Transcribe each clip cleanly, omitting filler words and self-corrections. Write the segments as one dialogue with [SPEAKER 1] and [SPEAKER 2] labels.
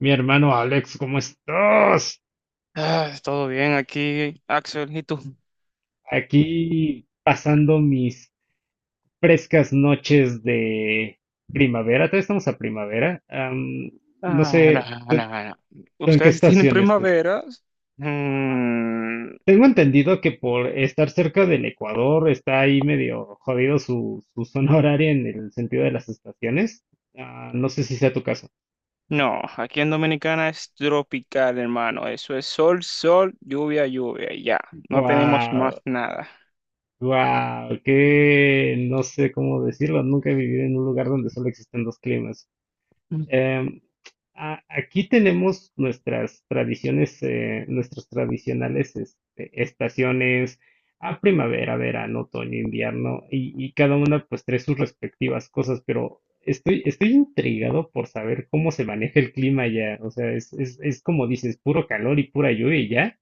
[SPEAKER 1] Mi hermano Alex, ¿cómo estás?
[SPEAKER 2] Ah, todo bien aquí, Axel, ¿y tú?
[SPEAKER 1] Aquí pasando mis frescas noches de primavera. Todavía estamos a primavera. No
[SPEAKER 2] Ah, no,
[SPEAKER 1] sé,
[SPEAKER 2] no, no.
[SPEAKER 1] ¿tú en qué
[SPEAKER 2] ¿Ustedes tienen
[SPEAKER 1] estación estés?
[SPEAKER 2] primaveras? Mm,
[SPEAKER 1] Tengo entendido que por estar cerca del Ecuador está ahí medio jodido su zona horaria en el sentido de las estaciones. Ah, no sé si sea tu caso.
[SPEAKER 2] no, aquí en Dominicana es tropical, hermano. Eso es sol, sol, lluvia, lluvia, y ya. No tenemos
[SPEAKER 1] Wow,
[SPEAKER 2] más nada.
[SPEAKER 1] wow, que no sé cómo decirlo. Nunca he vivido en un lugar donde solo existen dos climas. Em, Aquí tenemos nuestras tradiciones, nuestras tradicionales este, estaciones a primavera, verano, otoño, invierno, y, cada una pues trae sus respectivas cosas, pero estoy intrigado por saber cómo se maneja el clima allá. O sea, es como dices, puro calor y pura lluvia y ya.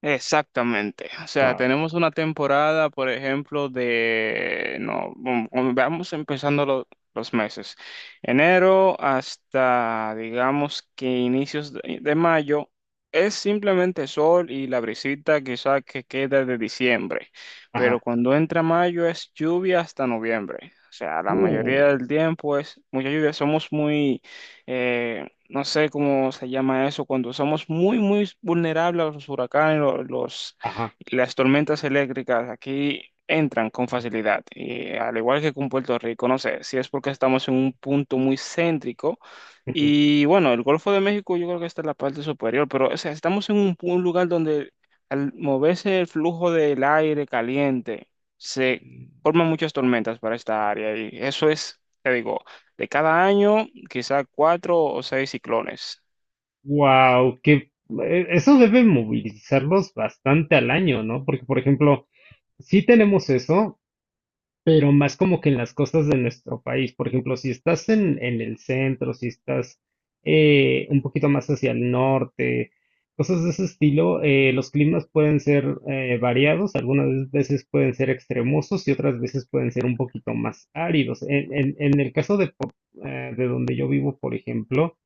[SPEAKER 2] Exactamente. O sea,
[SPEAKER 1] Wow.
[SPEAKER 2] tenemos una temporada, por ejemplo, de, no, vamos empezando los meses. Enero hasta, digamos que inicios de mayo, es simplemente sol y la brisita quizá que queda de diciembre. Pero
[SPEAKER 1] Ajá.
[SPEAKER 2] cuando entra mayo es lluvia hasta noviembre. O sea, la
[SPEAKER 1] Uh,
[SPEAKER 2] mayoría del tiempo es mucha lluvia. Somos muy, eh, no sé cómo se llama eso, cuando somos muy, muy vulnerables a los huracanes,
[SPEAKER 1] ajá.
[SPEAKER 2] las tormentas eléctricas, aquí entran con facilidad, y al igual que con Puerto Rico, no sé si es porque estamos en un punto muy céntrico. Y bueno, el Golfo de México yo creo que está en la parte superior, pero o sea, estamos en un lugar donde al moverse el flujo del aire caliente se forman muchas tormentas para esta área y eso es, te digo, de cada año, quizá cuatro o seis ciclones.
[SPEAKER 1] Wow, que eso debe movilizarlos bastante al año, ¿no? Porque, por ejemplo, sí tenemos eso, pero más como que en las costas de nuestro país. Por ejemplo, si estás en el centro, si estás un poquito más hacia el norte, cosas de ese estilo, los climas pueden ser variados, algunas veces pueden ser extremosos y otras veces pueden ser un poquito más áridos. En el caso de donde yo vivo, por ejemplo,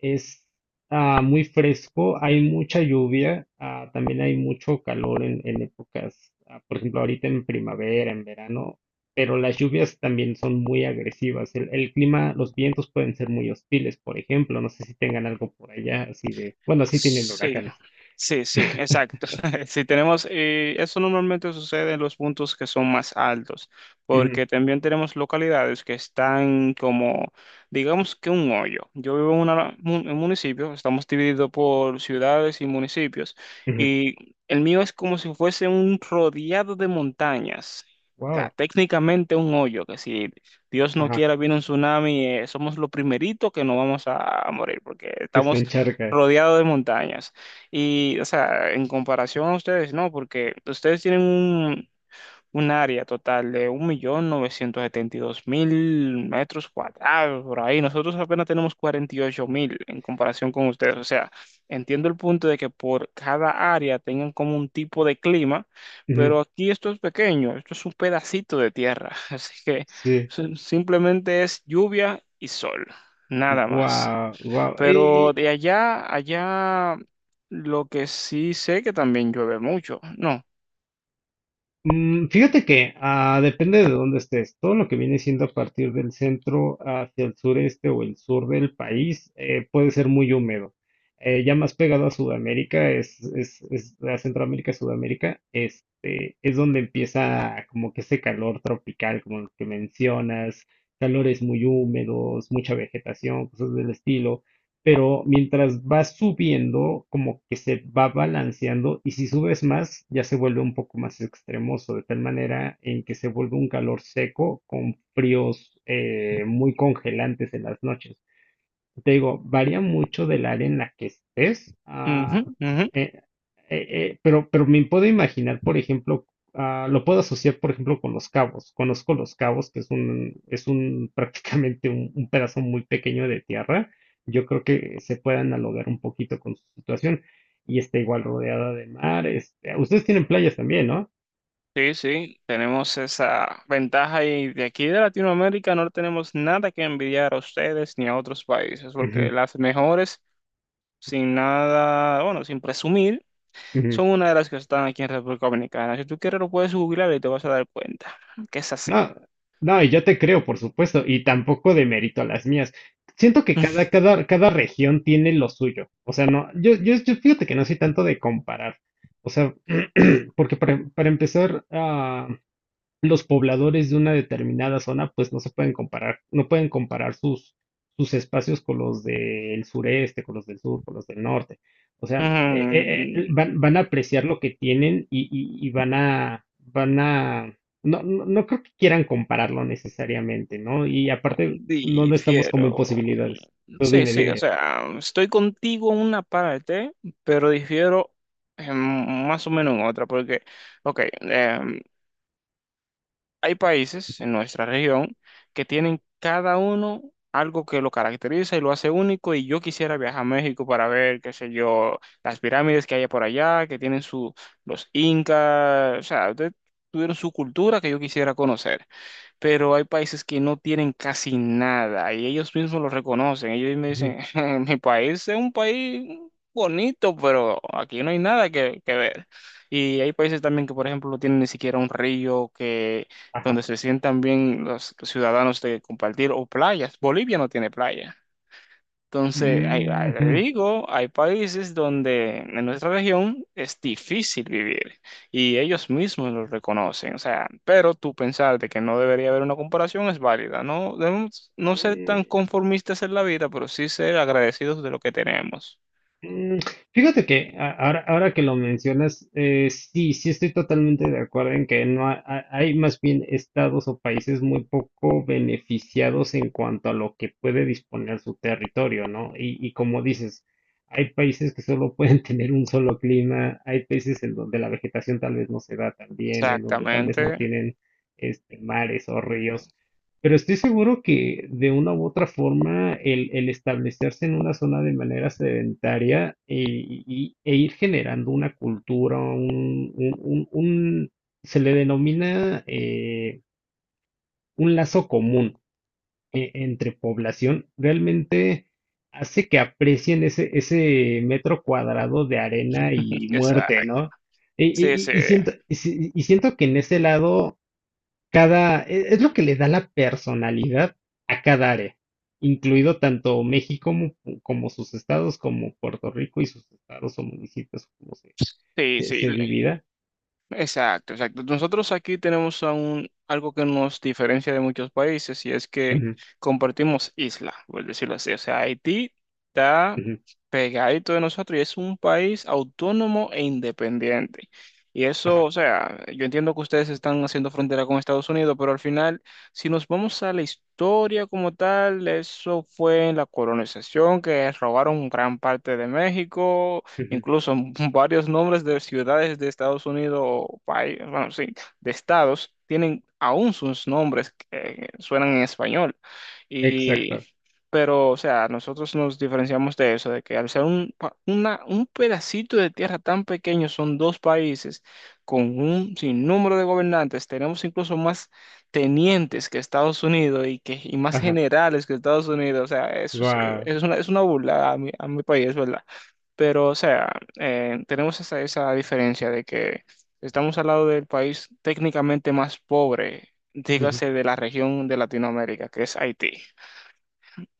[SPEAKER 1] es muy fresco, hay mucha lluvia, también hay mucho calor en épocas, por ejemplo, ahorita en primavera, en verano, pero las lluvias también son muy agresivas. El clima, los vientos pueden ser muy hostiles, por ejemplo, no sé si tengan algo por allá así de, bueno, sí tienen
[SPEAKER 2] Sí,
[SPEAKER 1] huracanes.
[SPEAKER 2] sí, sí, exacto. Si tenemos, eso normalmente sucede en los puntos que son más altos,
[SPEAKER 1] Ujú,
[SPEAKER 2] porque también tenemos localidades que están como, digamos que un hoyo. Yo vivo en un municipio, estamos divididos por ciudades y municipios,
[SPEAKER 1] ujú.
[SPEAKER 2] y el mío es como si fuese un rodeado de montañas. O sea,
[SPEAKER 1] Wow,
[SPEAKER 2] técnicamente un hoyo, que si Dios no
[SPEAKER 1] ajá,
[SPEAKER 2] quiera viene un tsunami, somos lo primerito que no vamos a morir, porque
[SPEAKER 1] que se
[SPEAKER 2] estamos
[SPEAKER 1] encharca.
[SPEAKER 2] rodeado de montañas. Y, o sea, en comparación a ustedes, no, porque ustedes tienen un área total de 1,972,000 metros cuadrados por ahí. Nosotros apenas tenemos 48,000 en comparación con ustedes. O sea, entiendo el punto de que por cada área tengan como un tipo de clima,
[SPEAKER 1] Ujú,
[SPEAKER 2] pero aquí esto es pequeño, esto es un pedacito de tierra. Así que
[SPEAKER 1] sí,
[SPEAKER 2] simplemente es lluvia y sol, nada más.
[SPEAKER 1] wow, wow.
[SPEAKER 2] Pero de allá, allá, lo que sí sé que también llueve mucho, ¿no?
[SPEAKER 1] Mm, fíjate que depende de dónde estés. Todo lo que viene siendo a partir del centro hacia el sureste o el sur del país puede ser muy húmedo. Ya más pegado a Sudamérica, es a Centroamérica, Sudamérica, este, es donde empieza como que ese calor tropical, como el que mencionas, calores muy húmedos, mucha vegetación, cosas del estilo. Pero mientras vas subiendo, como que se va balanceando y si subes más, ya se vuelve un poco más extremoso, de tal manera en que se vuelve un calor seco con fríos muy congelantes en las noches. Te digo, varía mucho del área en la que estés,
[SPEAKER 2] Ujú, ujú.
[SPEAKER 1] eh, eh, pero me puedo imaginar, por ejemplo, lo puedo asociar, por ejemplo, con Los Cabos. Conozco Los Cabos, que es un prácticamente un pedazo muy pequeño de tierra. Yo creo que se puede analogar un poquito con su situación. Y está igual rodeada de mar. Este, ustedes tienen playas también, ¿no?
[SPEAKER 2] Sí, sí, tenemos esa ventaja y de aquí de Latinoamérica no tenemos nada que envidiar a ustedes ni a otros países,
[SPEAKER 1] Ujú,
[SPEAKER 2] porque las mejores, sin nada, bueno, sin presumir,
[SPEAKER 1] ujú.
[SPEAKER 2] son una de las que están aquí en República Dominicana. Si tú quieres lo puedes googlear y te vas a dar cuenta que es así.
[SPEAKER 1] No, no, y yo te creo, por supuesto, y tampoco de mérito a las mías. Siento que cada región tiene lo suyo. O sea, no, yo fíjate que no soy tanto de comparar. O sea, porque para empezar, los pobladores de una determinada zona, pues no se pueden comparar, no pueden comparar sus espacios con los del sureste, con los del sur, con los del norte. O sea, van a apreciar lo que tienen y van van a, no, no, no creo que quieran compararlo necesariamente, ¿no? Y aparte, no, no estamos como en
[SPEAKER 2] Difiero.
[SPEAKER 1] posibilidades. Tú
[SPEAKER 2] Sí,
[SPEAKER 1] dime,
[SPEAKER 2] sí, o
[SPEAKER 1] dime.
[SPEAKER 2] sea, estoy contigo en una parte, pero difiero en más o menos en otra, porque, ok, hay países en nuestra región que tienen cada uno algo que lo caracteriza y lo hace único, y yo quisiera viajar a México para ver, qué sé yo, las pirámides que hay por allá, que tienen su, los incas, o sea, tuvieron su cultura que yo quisiera conocer, pero hay países que no tienen casi nada y ellos mismos lo reconocen. Ellos me
[SPEAKER 1] Ujú.
[SPEAKER 2] dicen, mi país es un país bonito, pero aquí no hay nada que ver. Y hay países también que, por ejemplo, no tienen ni siquiera un río que,
[SPEAKER 1] Ajá.
[SPEAKER 2] donde se sientan bien los ciudadanos de compartir o playas. Bolivia no tiene playa. Entonces,
[SPEAKER 1] Mm.
[SPEAKER 2] le
[SPEAKER 1] Ujú.
[SPEAKER 2] digo, hay países donde en nuestra región es difícil vivir y ellos mismos lo reconocen. O sea, pero tú pensar de que no debería haber una comparación es válida. No debemos no ser tan
[SPEAKER 1] Eh,
[SPEAKER 2] conformistas en la vida, pero sí ser agradecidos de lo que tenemos.
[SPEAKER 1] Mm, fíjate que ahora que lo mencionas, sí, sí estoy totalmente de acuerdo en que no hay más bien estados o países muy poco beneficiados en cuanto a lo que puede disponer su territorio, ¿no? Como dices, hay países que solo pueden tener un solo clima, hay países en donde la vegetación tal vez no se da tan bien, en donde tal vez no
[SPEAKER 2] Exactamente.
[SPEAKER 1] tienen este, mares o ríos. Pero estoy seguro que de una u otra forma el establecerse en una zona de manera sedentaria e ir generando una cultura, se le denomina un lazo común entre población, realmente hace que aprecien ese metro cuadrado de arena y muerte,
[SPEAKER 2] Exacto.
[SPEAKER 1] ¿no?
[SPEAKER 2] Sí, sí,
[SPEAKER 1] Y siento, y y siento que en ese lado cada e es lo que le da la personalidad a cada área, incluido tanto México como como sus estados, como Puerto Rico y sus estados o municipios, como
[SPEAKER 2] sí, sí.
[SPEAKER 1] se divida.
[SPEAKER 2] Exacto, exacto. Nosotros aquí tenemos aún algo que nos diferencia de muchos países y es que
[SPEAKER 1] Ujú,
[SPEAKER 2] compartimos isla, por decirlo así. O sea, Haití está
[SPEAKER 1] ujú,
[SPEAKER 2] pegadito de nosotros y es un país autónomo e independiente. Y eso,
[SPEAKER 1] ajá,
[SPEAKER 2] o sea, yo entiendo que ustedes están haciendo frontera con Estados Unidos, pero al final, si nos vamos a la historia como tal, eso fue en la colonización que robaron gran parte de México,
[SPEAKER 1] ujú,
[SPEAKER 2] incluso varios nombres de ciudades de Estados Unidos o país, bueno, sí, de estados, tienen aún sus nombres que suenan en español.
[SPEAKER 1] exacto,
[SPEAKER 2] Y, pero, o sea, nosotros nos diferenciamos de eso, de que al ser un pedacito de tierra tan pequeño, son dos países con un sinnúmero de gobernantes, tenemos incluso más tenientes que Estados Unidos y más
[SPEAKER 1] ajá,
[SPEAKER 2] generales que Estados Unidos, o sea, eso
[SPEAKER 1] guau.
[SPEAKER 2] es una burla a mi país, ¿verdad? Pero, o sea, tenemos esa, esa diferencia de que estamos al lado del país técnicamente más pobre, dígase de la región de Latinoamérica, que es Haití.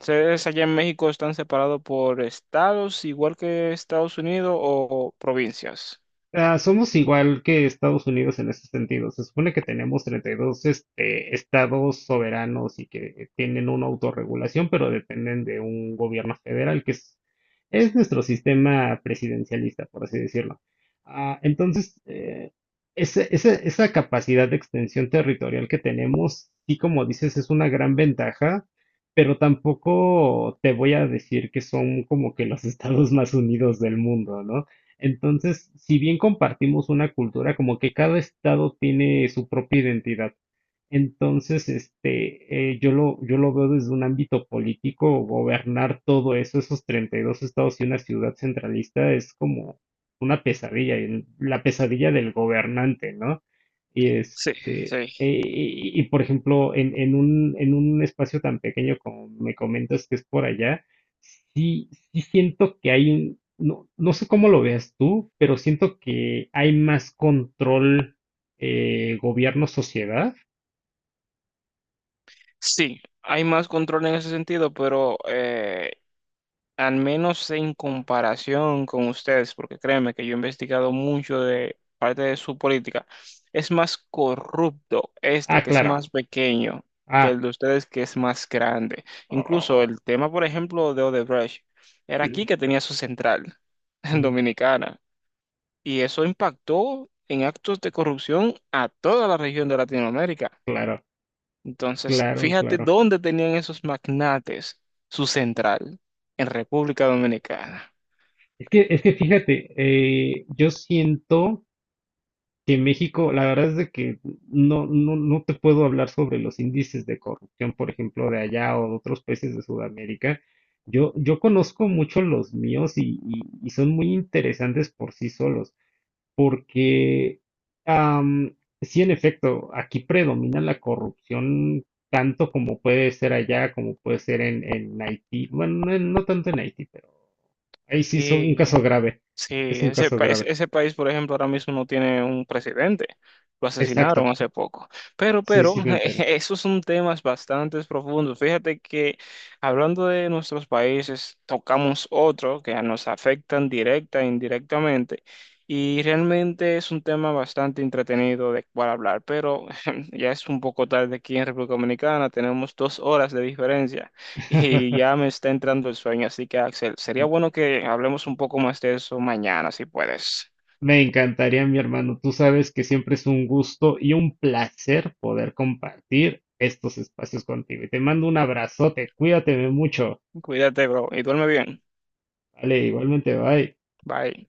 [SPEAKER 2] ¿Ustedes allá en México están separados por estados, igual que Estados Unidos, o provincias?
[SPEAKER 1] Ah, somos igual que Estados Unidos en ese sentido. Se supone que tenemos 32 este, estados soberanos y que tienen una autorregulación, pero dependen de un gobierno federal, que es nuestro sistema presidencialista, por así decirlo. Ah, entonces, esa capacidad de extensión territorial que tenemos, sí, como dices, es una gran ventaja, pero tampoco te voy a decir que son como que los estados más unidos del mundo, ¿no? Entonces, si bien compartimos una cultura, como que cada estado tiene su propia identidad. Entonces, este, yo lo veo desde un ámbito político, gobernar todo eso, esos 32 estados y una ciudad centralista es como una pesadilla, la pesadilla del gobernante, ¿no? Y
[SPEAKER 2] Sí,
[SPEAKER 1] este,
[SPEAKER 2] sí.
[SPEAKER 1] y, por ejemplo, en un espacio tan pequeño como me comentas que es por allá, sí, sí siento que hay un, no, no sé cómo lo veas tú, pero siento que hay más control, gobierno-sociedad.
[SPEAKER 2] Sí, hay más control en ese sentido, pero al menos en comparación con ustedes, porque créeme que yo he investigado mucho de parte de su política, es más corrupto este,
[SPEAKER 1] Ah,
[SPEAKER 2] que es
[SPEAKER 1] claro.
[SPEAKER 2] más pequeño, que
[SPEAKER 1] Ah,
[SPEAKER 2] el de ustedes, que es más grande. Incluso
[SPEAKER 1] oh,
[SPEAKER 2] el tema, por ejemplo, de Odebrecht, era aquí
[SPEAKER 1] mm,
[SPEAKER 2] que tenía su central, en
[SPEAKER 1] mm,
[SPEAKER 2] Dominicana, y eso impactó en actos de corrupción a toda la región de Latinoamérica.
[SPEAKER 1] claro,
[SPEAKER 2] Entonces,
[SPEAKER 1] claro,
[SPEAKER 2] fíjate
[SPEAKER 1] claro.
[SPEAKER 2] dónde tenían esos magnates su central, en República Dominicana.
[SPEAKER 1] Es que fíjate, yo siento que México, la verdad es de que no, no, no te puedo hablar sobre los índices de corrupción, por ejemplo, de allá o de otros países de Sudamérica. Yo conozco mucho los míos y son muy interesantes por sí solos. Porque, am, sí, en efecto, aquí predomina la corrupción tanto como puede ser allá, como puede ser en Haití. Bueno, no, no tanto en Haití, pero ahí sí es un
[SPEAKER 2] Y
[SPEAKER 1] caso grave.
[SPEAKER 2] sí,
[SPEAKER 1] Es un
[SPEAKER 2] ese,
[SPEAKER 1] caso
[SPEAKER 2] pa-
[SPEAKER 1] grave.
[SPEAKER 2] ese ese país, por ejemplo, ahora mismo no tiene un presidente. Lo asesinaron
[SPEAKER 1] Exacto.
[SPEAKER 2] hace poco. Pero,
[SPEAKER 1] Sí,
[SPEAKER 2] pero,
[SPEAKER 1] sí, me enteré.
[SPEAKER 2] esos son temas bastante profundos. Fíjate que hablando de nuestros países, tocamos otro que nos afectan directa e indirectamente. Y realmente es un tema bastante entretenido de cual hablar. Pero ya es un poco tarde aquí en República Dominicana. Tenemos 2 horas de diferencia. Y ya me está entrando el sueño, así que Axel, sería bueno que hablemos un poco más de eso mañana, si puedes.
[SPEAKER 1] Me encantaría, mi hermano. Tú sabes que siempre es un gusto y un placer poder compartir estos espacios contigo. Y te mando un abrazote. Cuídate mucho.
[SPEAKER 2] Cuídate, bro, y duerme bien.
[SPEAKER 1] Vale, igualmente, bye.
[SPEAKER 2] Bye.